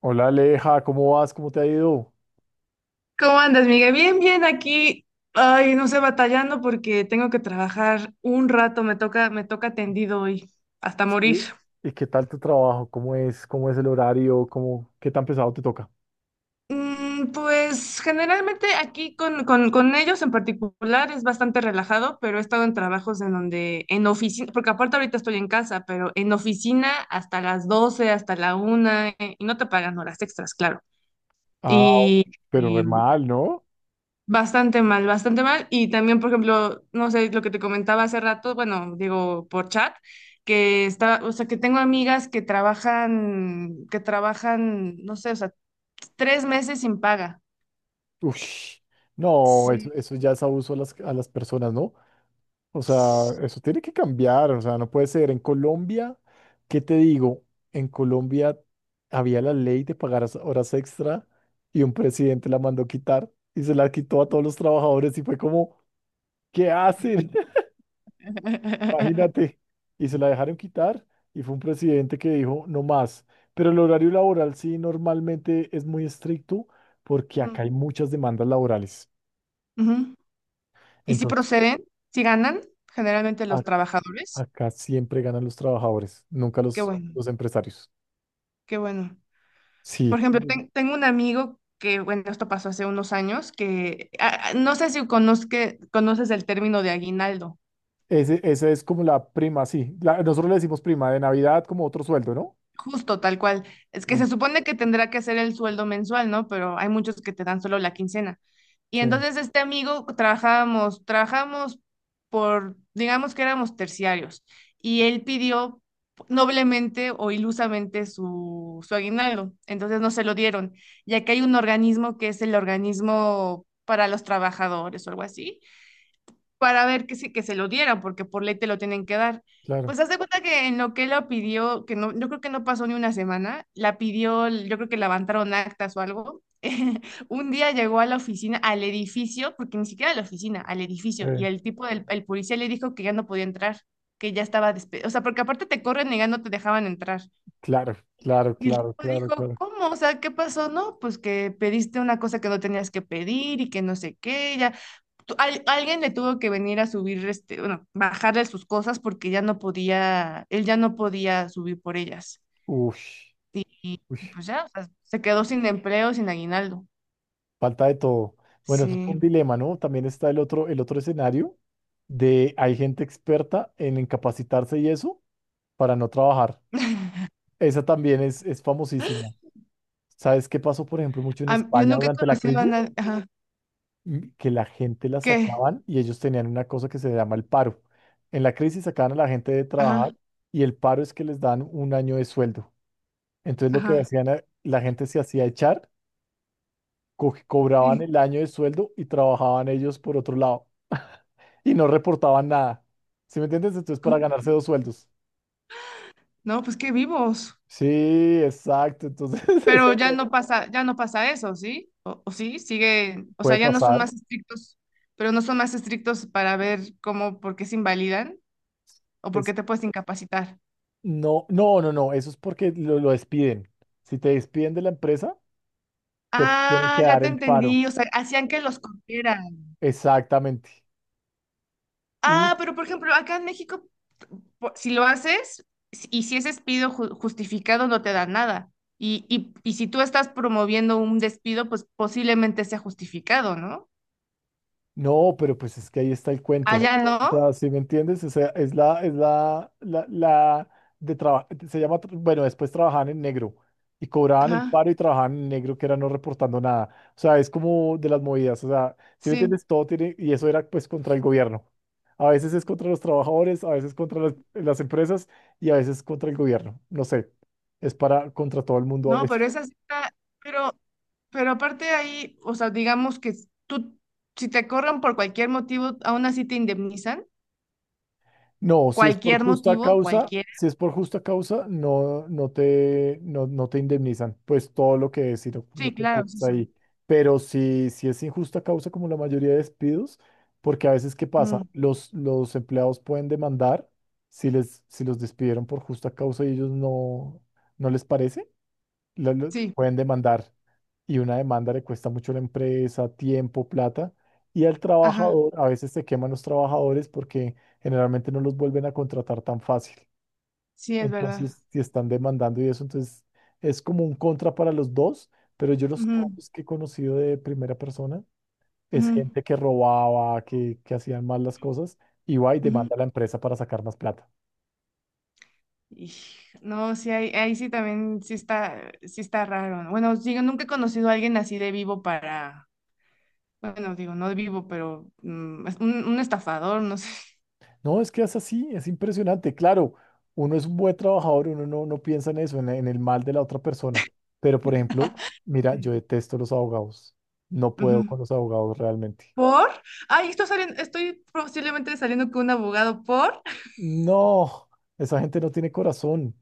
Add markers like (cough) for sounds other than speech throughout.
Hola Aleja, ¿cómo vas? ¿Cómo te ha ido? ¿Cómo andas, Miguel? Bien, bien, aquí. Ay, no sé, batallando porque tengo que trabajar un rato, me toca tendido hoy, hasta Sí. morir. ¿Y qué tal tu trabajo? ¿Cómo es? ¿Cómo es el horario? ¿Cómo... ¿Qué tan pesado te toca? Pues generalmente aquí con ellos en particular es bastante relajado, pero he estado en trabajos en donde, en oficina, porque aparte ahorita estoy en casa, pero en oficina hasta las 12, hasta la una y no te pagan horas extras, claro. Ah, Y, pero re y mal, ¿no? Bastante mal, bastante mal. Y también, por ejemplo, no sé, lo que te comentaba hace rato, bueno, digo por chat, que está, o sea, que tengo amigas que trabajan, no sé, o sea, tres meses sin paga. Ush, no, eso, Sí. eso ya es abuso a las personas, ¿no? O sea, eso tiene que cambiar, o sea, no puede ser. En Colombia, ¿qué te digo? En Colombia había la ley de pagar horas extra y un presidente la mandó quitar y se la quitó a todos los trabajadores y fue como, ¿qué hacen? (laughs) Imagínate, y se la dejaron quitar y fue un presidente que dijo no más. Pero el horario laboral sí normalmente es muy estricto porque acá Ujú, hay muchas demandas laborales. ujú. Y si Entonces, proceden, si ganan, generalmente a- los trabajadores. acá siempre ganan los trabajadores, nunca Qué los, bueno, los empresarios. qué bueno. Sí, Por ejemplo, tengo un amigo que, bueno, esto pasó hace unos años, que no sé si conoces el término de aguinaldo. ese, esa es como la prima, sí. Nosotros le decimos prima de Navidad como otro sueldo, ¿no? Justo, tal cual. Es que Sí, se supone que tendrá que hacer el sueldo mensual, ¿no? Pero hay muchos que te dan solo la quincena. Y sí, entonces este amigo trabajamos por, digamos que éramos terciarios, y él pidió noblemente o ilusamente su aguinaldo, entonces no se lo dieron, ya que hay un organismo que es el organismo para los trabajadores o algo así, para ver que se lo dieran, porque por ley te lo tienen que dar. claro. Pues haz de cuenta que en lo que la pidió, que no, yo creo que no pasó ni una semana, la pidió, yo creo que la levantaron actas o algo. (laughs) Un día llegó a la oficina, al edificio, porque ni siquiera a la oficina, al edificio, y eh, el tipo del el policía le dijo que ya no podía entrar, que ya estaba despedido. O sea, porque aparte te corren y ya no te dejaban entrar. claro, claro, Y el claro, tipo claro, dijo, claro. ¿cómo? O sea, ¿qué pasó? No, pues que pediste una cosa que no tenías que pedir y que no sé qué, ya alguien le tuvo que venir a subir, este, bueno, bajarle sus cosas porque ya no podía, él ya no podía subir por ellas. Ush, Y ush. pues ya, o sea, se quedó sin empleo, sin aguinaldo. Falta de todo. Bueno, eso fue Sí. un dilema, ¿no? También está el otro escenario de hay gente experta en incapacitarse y eso para no trabajar. Esa también es famosísima. ¿Sabes qué pasó, por ejemplo, mucho en Yo España nunca he durante la conocido a crisis? nadie. Ajá. Mm, que la gente la ¿Qué? sacaban y ellos tenían una cosa que se llama el paro. En la crisis sacaban a la gente de trabajar Ajá, y el paro es que les dan un año de sueldo. Entonces lo que ajá. hacían, la gente se hacía echar, cobraban Sí. el año de sueldo y trabajaban ellos por otro lado. Y no reportaban nada. ¿Sí me entiendes? Entonces, para ¿Cómo que? ganarse dos sueldos. No, pues qué vivos. Sí, exacto. Entonces, (laughs) Pero eso ya no pasa eso, ¿sí? O sí, sigue, o puede sea, ya no son pasar. más estrictos, pero no son más estrictos para ver cómo, por qué se invalidan o por Es, qué te puedes incapacitar. no, no, no, no. Eso es porque lo despiden. Si te despiden de la empresa, te tienen que Ah, ya dar te el paro. entendí. O sea, hacían que los corrieran. Exactamente. Y Ah, pero por ejemplo, acá en México, si lo haces y si es despido justificado, no te dan nada. Y si tú estás promoviendo un despido, pues posiblemente sea justificado, ¿no? no, pero pues es que ahí está el cuento. Allá O no. sea, ¿si me entiendes? O sea, es la de trabajo, se llama, bueno, después trabajaban en negro y cobraban el Ajá, paro y trabajaban en negro, que era no reportando nada. O sea, es como de las movidas. O sea, ¿si me sí. entiendes? Todo tiene, y eso era pues contra el gobierno. A veces es contra los trabajadores, a veces contra las empresas y a veces contra el gobierno. No sé, es para contra todo el mundo a No, veces. pero esa sí está. Pero, pero aparte ahí, o sea, digamos tú, si te corren por cualquier motivo, aún así te indemnizan. No, si es por Cualquier justa motivo, causa, cualquier. si es por justa causa, no te indemnizan, pues todo lo que es y lo Sí, que claro, es tienes eso. ahí. Pero si, si es injusta causa, como la mayoría de despidos, porque a veces, ¿qué pasa? Ujú, Los empleados pueden demandar si les, si los despidieron por justa causa y ellos no, no les parece sí. pueden demandar y una demanda le cuesta mucho a la empresa, tiempo, plata y al Ajá, trabajador, a veces se queman los trabajadores porque generalmente no los vuelven a contratar tan fácil. sí, es verdad. Entonces, si están demandando y eso, entonces es como un contra para los dos, pero yo los Ujú, casos que he conocido de primera persona es ujú, gente que robaba, que hacían mal las cosas y va y ujú. demanda a la empresa para sacar más plata. Y, no, sí, ahí, ahí sí también sí está raro, ¿no? Bueno, digo, nunca he conocido a alguien así de vivo para, bueno, digo, no de vivo, pero es un estafador, no sé. No, es que es así, es impresionante. Claro, uno es un buen trabajador, uno no, no piensa en eso, en el mal de la otra persona. Pero, por ejemplo, mira, yo detesto los abogados. No (laughs) puedo Ujú. con los abogados realmente. ¿Por? Ay, estoy saliendo, estoy posiblemente saliendo con un abogado por. No, esa gente no tiene corazón,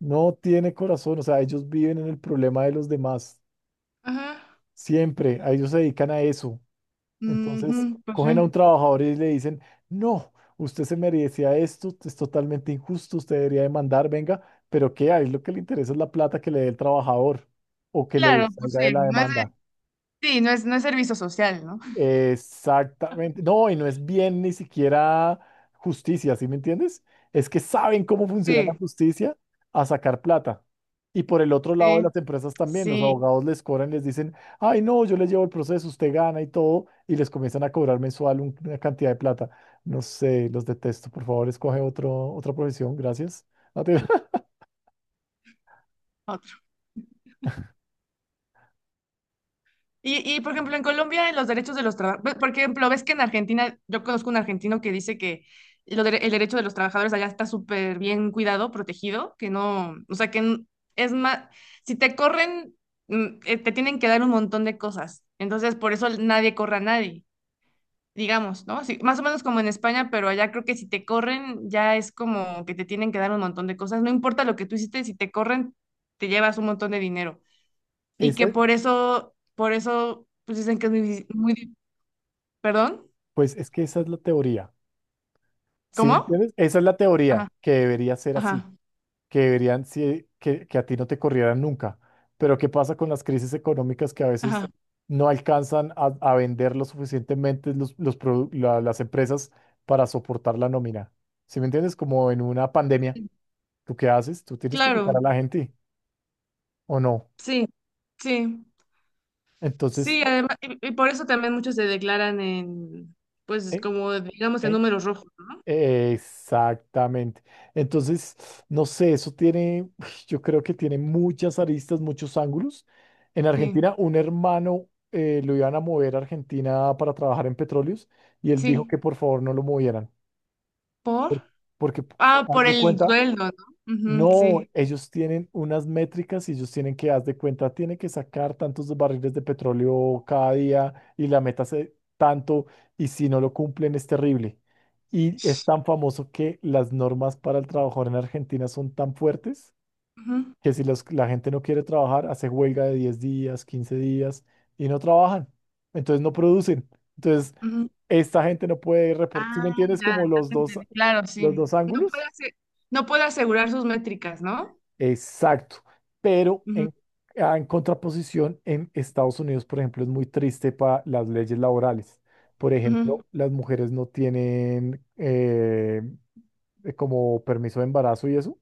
no tiene corazón. O sea, ellos viven en el problema de los demás. Ajá. Siempre, a ellos se dedican a eso. Entonces, Ujú, pues cogen a un sí. trabajador y le dicen, no, usted se merecía esto, es totalmente injusto, usted debería demandar, venga, pero ¿qué? Ahí lo que le interesa es la plata que le dé el trabajador o que le Claro, pues salga de sí, la demanda. Sí, no es, no es servicio social, ¿no? Exactamente. No, y no es bien ni siquiera justicia, ¿sí me entiendes? Es que saben cómo funciona la Sí, justicia a sacar plata. Y por el otro lado de sí, las empresas también, los sí. abogados les cobran, les dicen, ay, no, yo les llevo el proceso, usted gana y todo, y les comienzan a cobrar mensual una cantidad de plata. No sé, los detesto. Por favor, escoge otro, otra profesión, gracias. No te- (laughs) Y, por ejemplo, en Colombia, en los derechos de los trabajadores, por ejemplo, ves que en Argentina, yo conozco un argentino que dice que el derecho de los trabajadores allá está súper bien cuidado, protegido, que no, o sea, es más, si te corren, te tienen que dar un montón de cosas. Entonces, por eso nadie corre a nadie, digamos, ¿no? Sí, más o menos como en España, pero allá creo que si te corren, ya es como que te tienen que dar un montón de cosas. No importa lo que tú hiciste, si te corren, te llevas un montón de dinero y que Ese- por eso, pues dicen que es muy, muy, ¿perdón? pues es que esa es la teoría, ¿sí me ¿Cómo? entiendes? Esa es la teoría Ajá, que debería ser así. ajá, Que deberían, sí, que a ti no te corrieran nunca. Pero ¿qué pasa con las crisis económicas que a veces ajá. no alcanzan a vender lo suficientemente los, las empresas para soportar la nómina? ¿Sí me entiendes? Como en una pandemia, ¿tú qué haces? Tú tienes que sacar Claro, a la gente o no. sí, sí, Entonces, sí, además, y por eso también muchos se declaran en, pues ¿en, como digamos en en números rojos. exactamente. Entonces, no sé, eso tiene, (sighs) yo creo que tiene muchas aristas, muchos ángulos. En Sí, Argentina, un hermano lo iban a mover a Argentina para trabajar en petróleos y él dijo sí, que por favor no lo movieran, por, porque haz por de el cuenta, sueldo, ¿no? Ujú, no, sí. ellos tienen unas métricas y ellos tienen que, haz de cuenta, tienen que sacar tantos barriles de petróleo cada día y la meta es tanto y si no lo cumplen es terrible. Y es tan famoso que las normas para el trabajador en Argentina son tan fuertes Ujú, que si la gente no quiere trabajar, hace huelga de 10 días, 15 días y no trabajan. Entonces no producen. Entonces ujú. esta gente no puede reportar. ¿Sí me Ah, entiendes? ya, Como ya te entendí. Claro, los sí. dos No puede ángulos. ase- no puede asegurar sus métricas, ¿no? Exacto, pero Ujú, en, ah, en contraposición, en Estados Unidos, por ejemplo, es muy triste para las leyes laborales. Por ujú. ejemplo, las mujeres no tienen como permiso de embarazo y eso,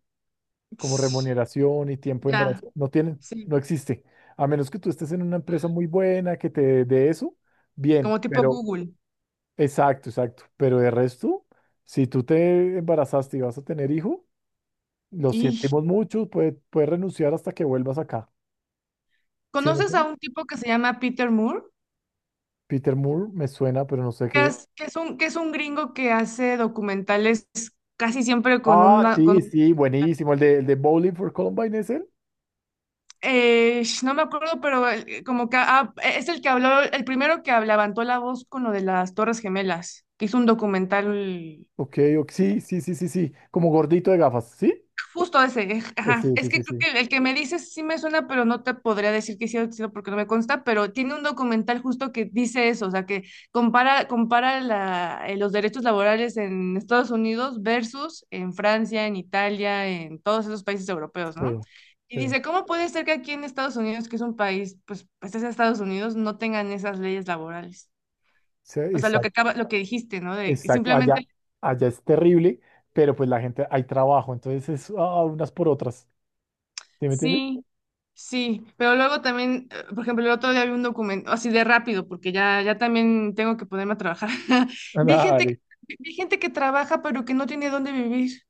como Ts, remuneración y tiempo de ya, embarazo. No tienen, sí. no existe. A menos que tú estés en una empresa muy buena que te dé eso, bien, Como tipo pero Google. exacto, exacto. Pero de resto, si tú te embarazaste y vas a tener hijo, lo ¿Y sentimos mucho, puedes renunciar hasta que vuelvas acá. Sí, me conoces a suena. un tipo que se llama Peter Moore? Peter Moore me suena, pero no sé qué. Que es un gringo que hace documentales casi siempre con Ah, una... Con, sí, sí, sí. Sí, buenísimo. El de Bowling for Columbine es él? No me acuerdo, pero como que es el que habló, el primero que habló, levantó la voz con lo de las Torres Gemelas, que hizo un documental. Ok, ok, sí, sí, sí, sí, sí. Como gordito de gafas, ¿sí? Justo ese, ajá. Sí, Es sí, sí, que creo sí. que el, que me dices sí me suena, pero no te podría decir que sí o sí no, porque no me consta, pero tiene un documental justo que dice eso, o sea, que compara, compara la- los derechos laborales en Estados Unidos versus en Francia, en Italia, en todos esos países europeos, Sí, ¿no? Y sí, dice, ¿cómo puede ser que aquí en Estados Unidos, que es un país, pues, pues es Estados Unidos, no tengan esas leyes laborales? sí, O sea, lo que exacto, acaba, lo que dijiste, ¿no? De que exacto. simplemente Allá, allá es terrible, pero pues la gente, hay trabajo, entonces es ah, unas por otras. ¿Sí me entiendes? sí, sí, pero luego también, por ejemplo, el otro día vi un documento, así de rápido, porque ya, ya también tengo que ponerme a trabajar. (laughs) (laughs) Vi gente, que- Dale. Vi gente que trabaja, pero que no tiene dónde vivir.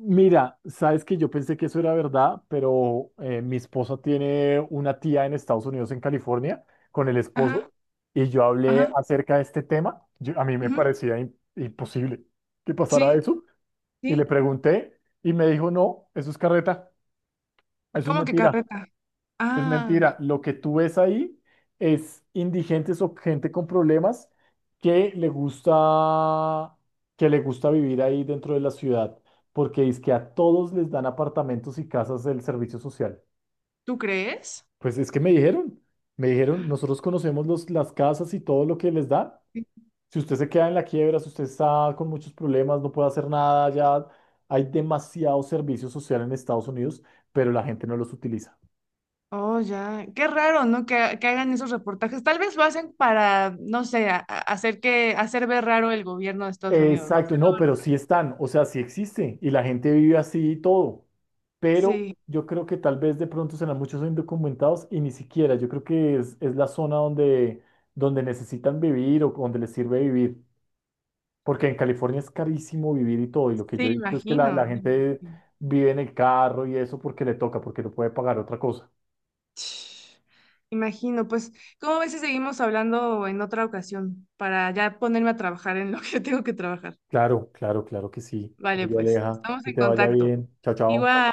Mira, sabes que yo pensé que eso era verdad, pero mi esposa tiene una tía en Estados Unidos, en California, con el esposo, Ajá, y yo hablé ajá, acerca de este tema. A mí me ujú, parecía imposible que pasara sí, eso, y sí. le pregunté, y me dijo, no, eso es carreta, eso es ¿Cómo que mentira. carreta? Es Ah, mentira. Lo que tú ves ahí es indigentes o gente con problemas que le gusta, que le gusta vivir ahí dentro de la ciudad, porque es que a todos les dan apartamentos y casas del servicio social. ¿tú crees? Pues es que me dijeron, nosotros conocemos los, las casas y todo lo que les dan. Sí. Si usted se queda en la quiebra, si usted está con muchos problemas, no puede hacer nada, ya hay demasiado servicio social en Estados Unidos, pero la gente no los utiliza. Oh, ya. Qué raro, ¿no? Que hagan esos reportajes. Tal vez lo hacen para, no sé, hacer que, hacer ver raro el gobierno de Estados Unidos, ¿no? Exacto, no, Hacerlo- pero sí están, o sea, sí existe y la gente vive así y todo, pero Sí, yo creo que tal vez de pronto serán muchos indocumentados y ni siquiera, yo creo que es la zona donde, donde necesitan vivir o donde les sirve vivir, porque en California es carísimo vivir y todo, y lo que yo sí, he visto es que la imagino. gente vive en el carro y eso porque le toca, porque no puede pagar otra cosa. Imagino, pues, ¿cómo ves si seguimos hablando en otra ocasión para ya ponerme a trabajar en lo que (laughs) tengo que trabajar? Claro, claro, claro que sí. Vale, Oye, pues, Aleja, estamos que en te vaya contacto. bien, chao, chao. Igual.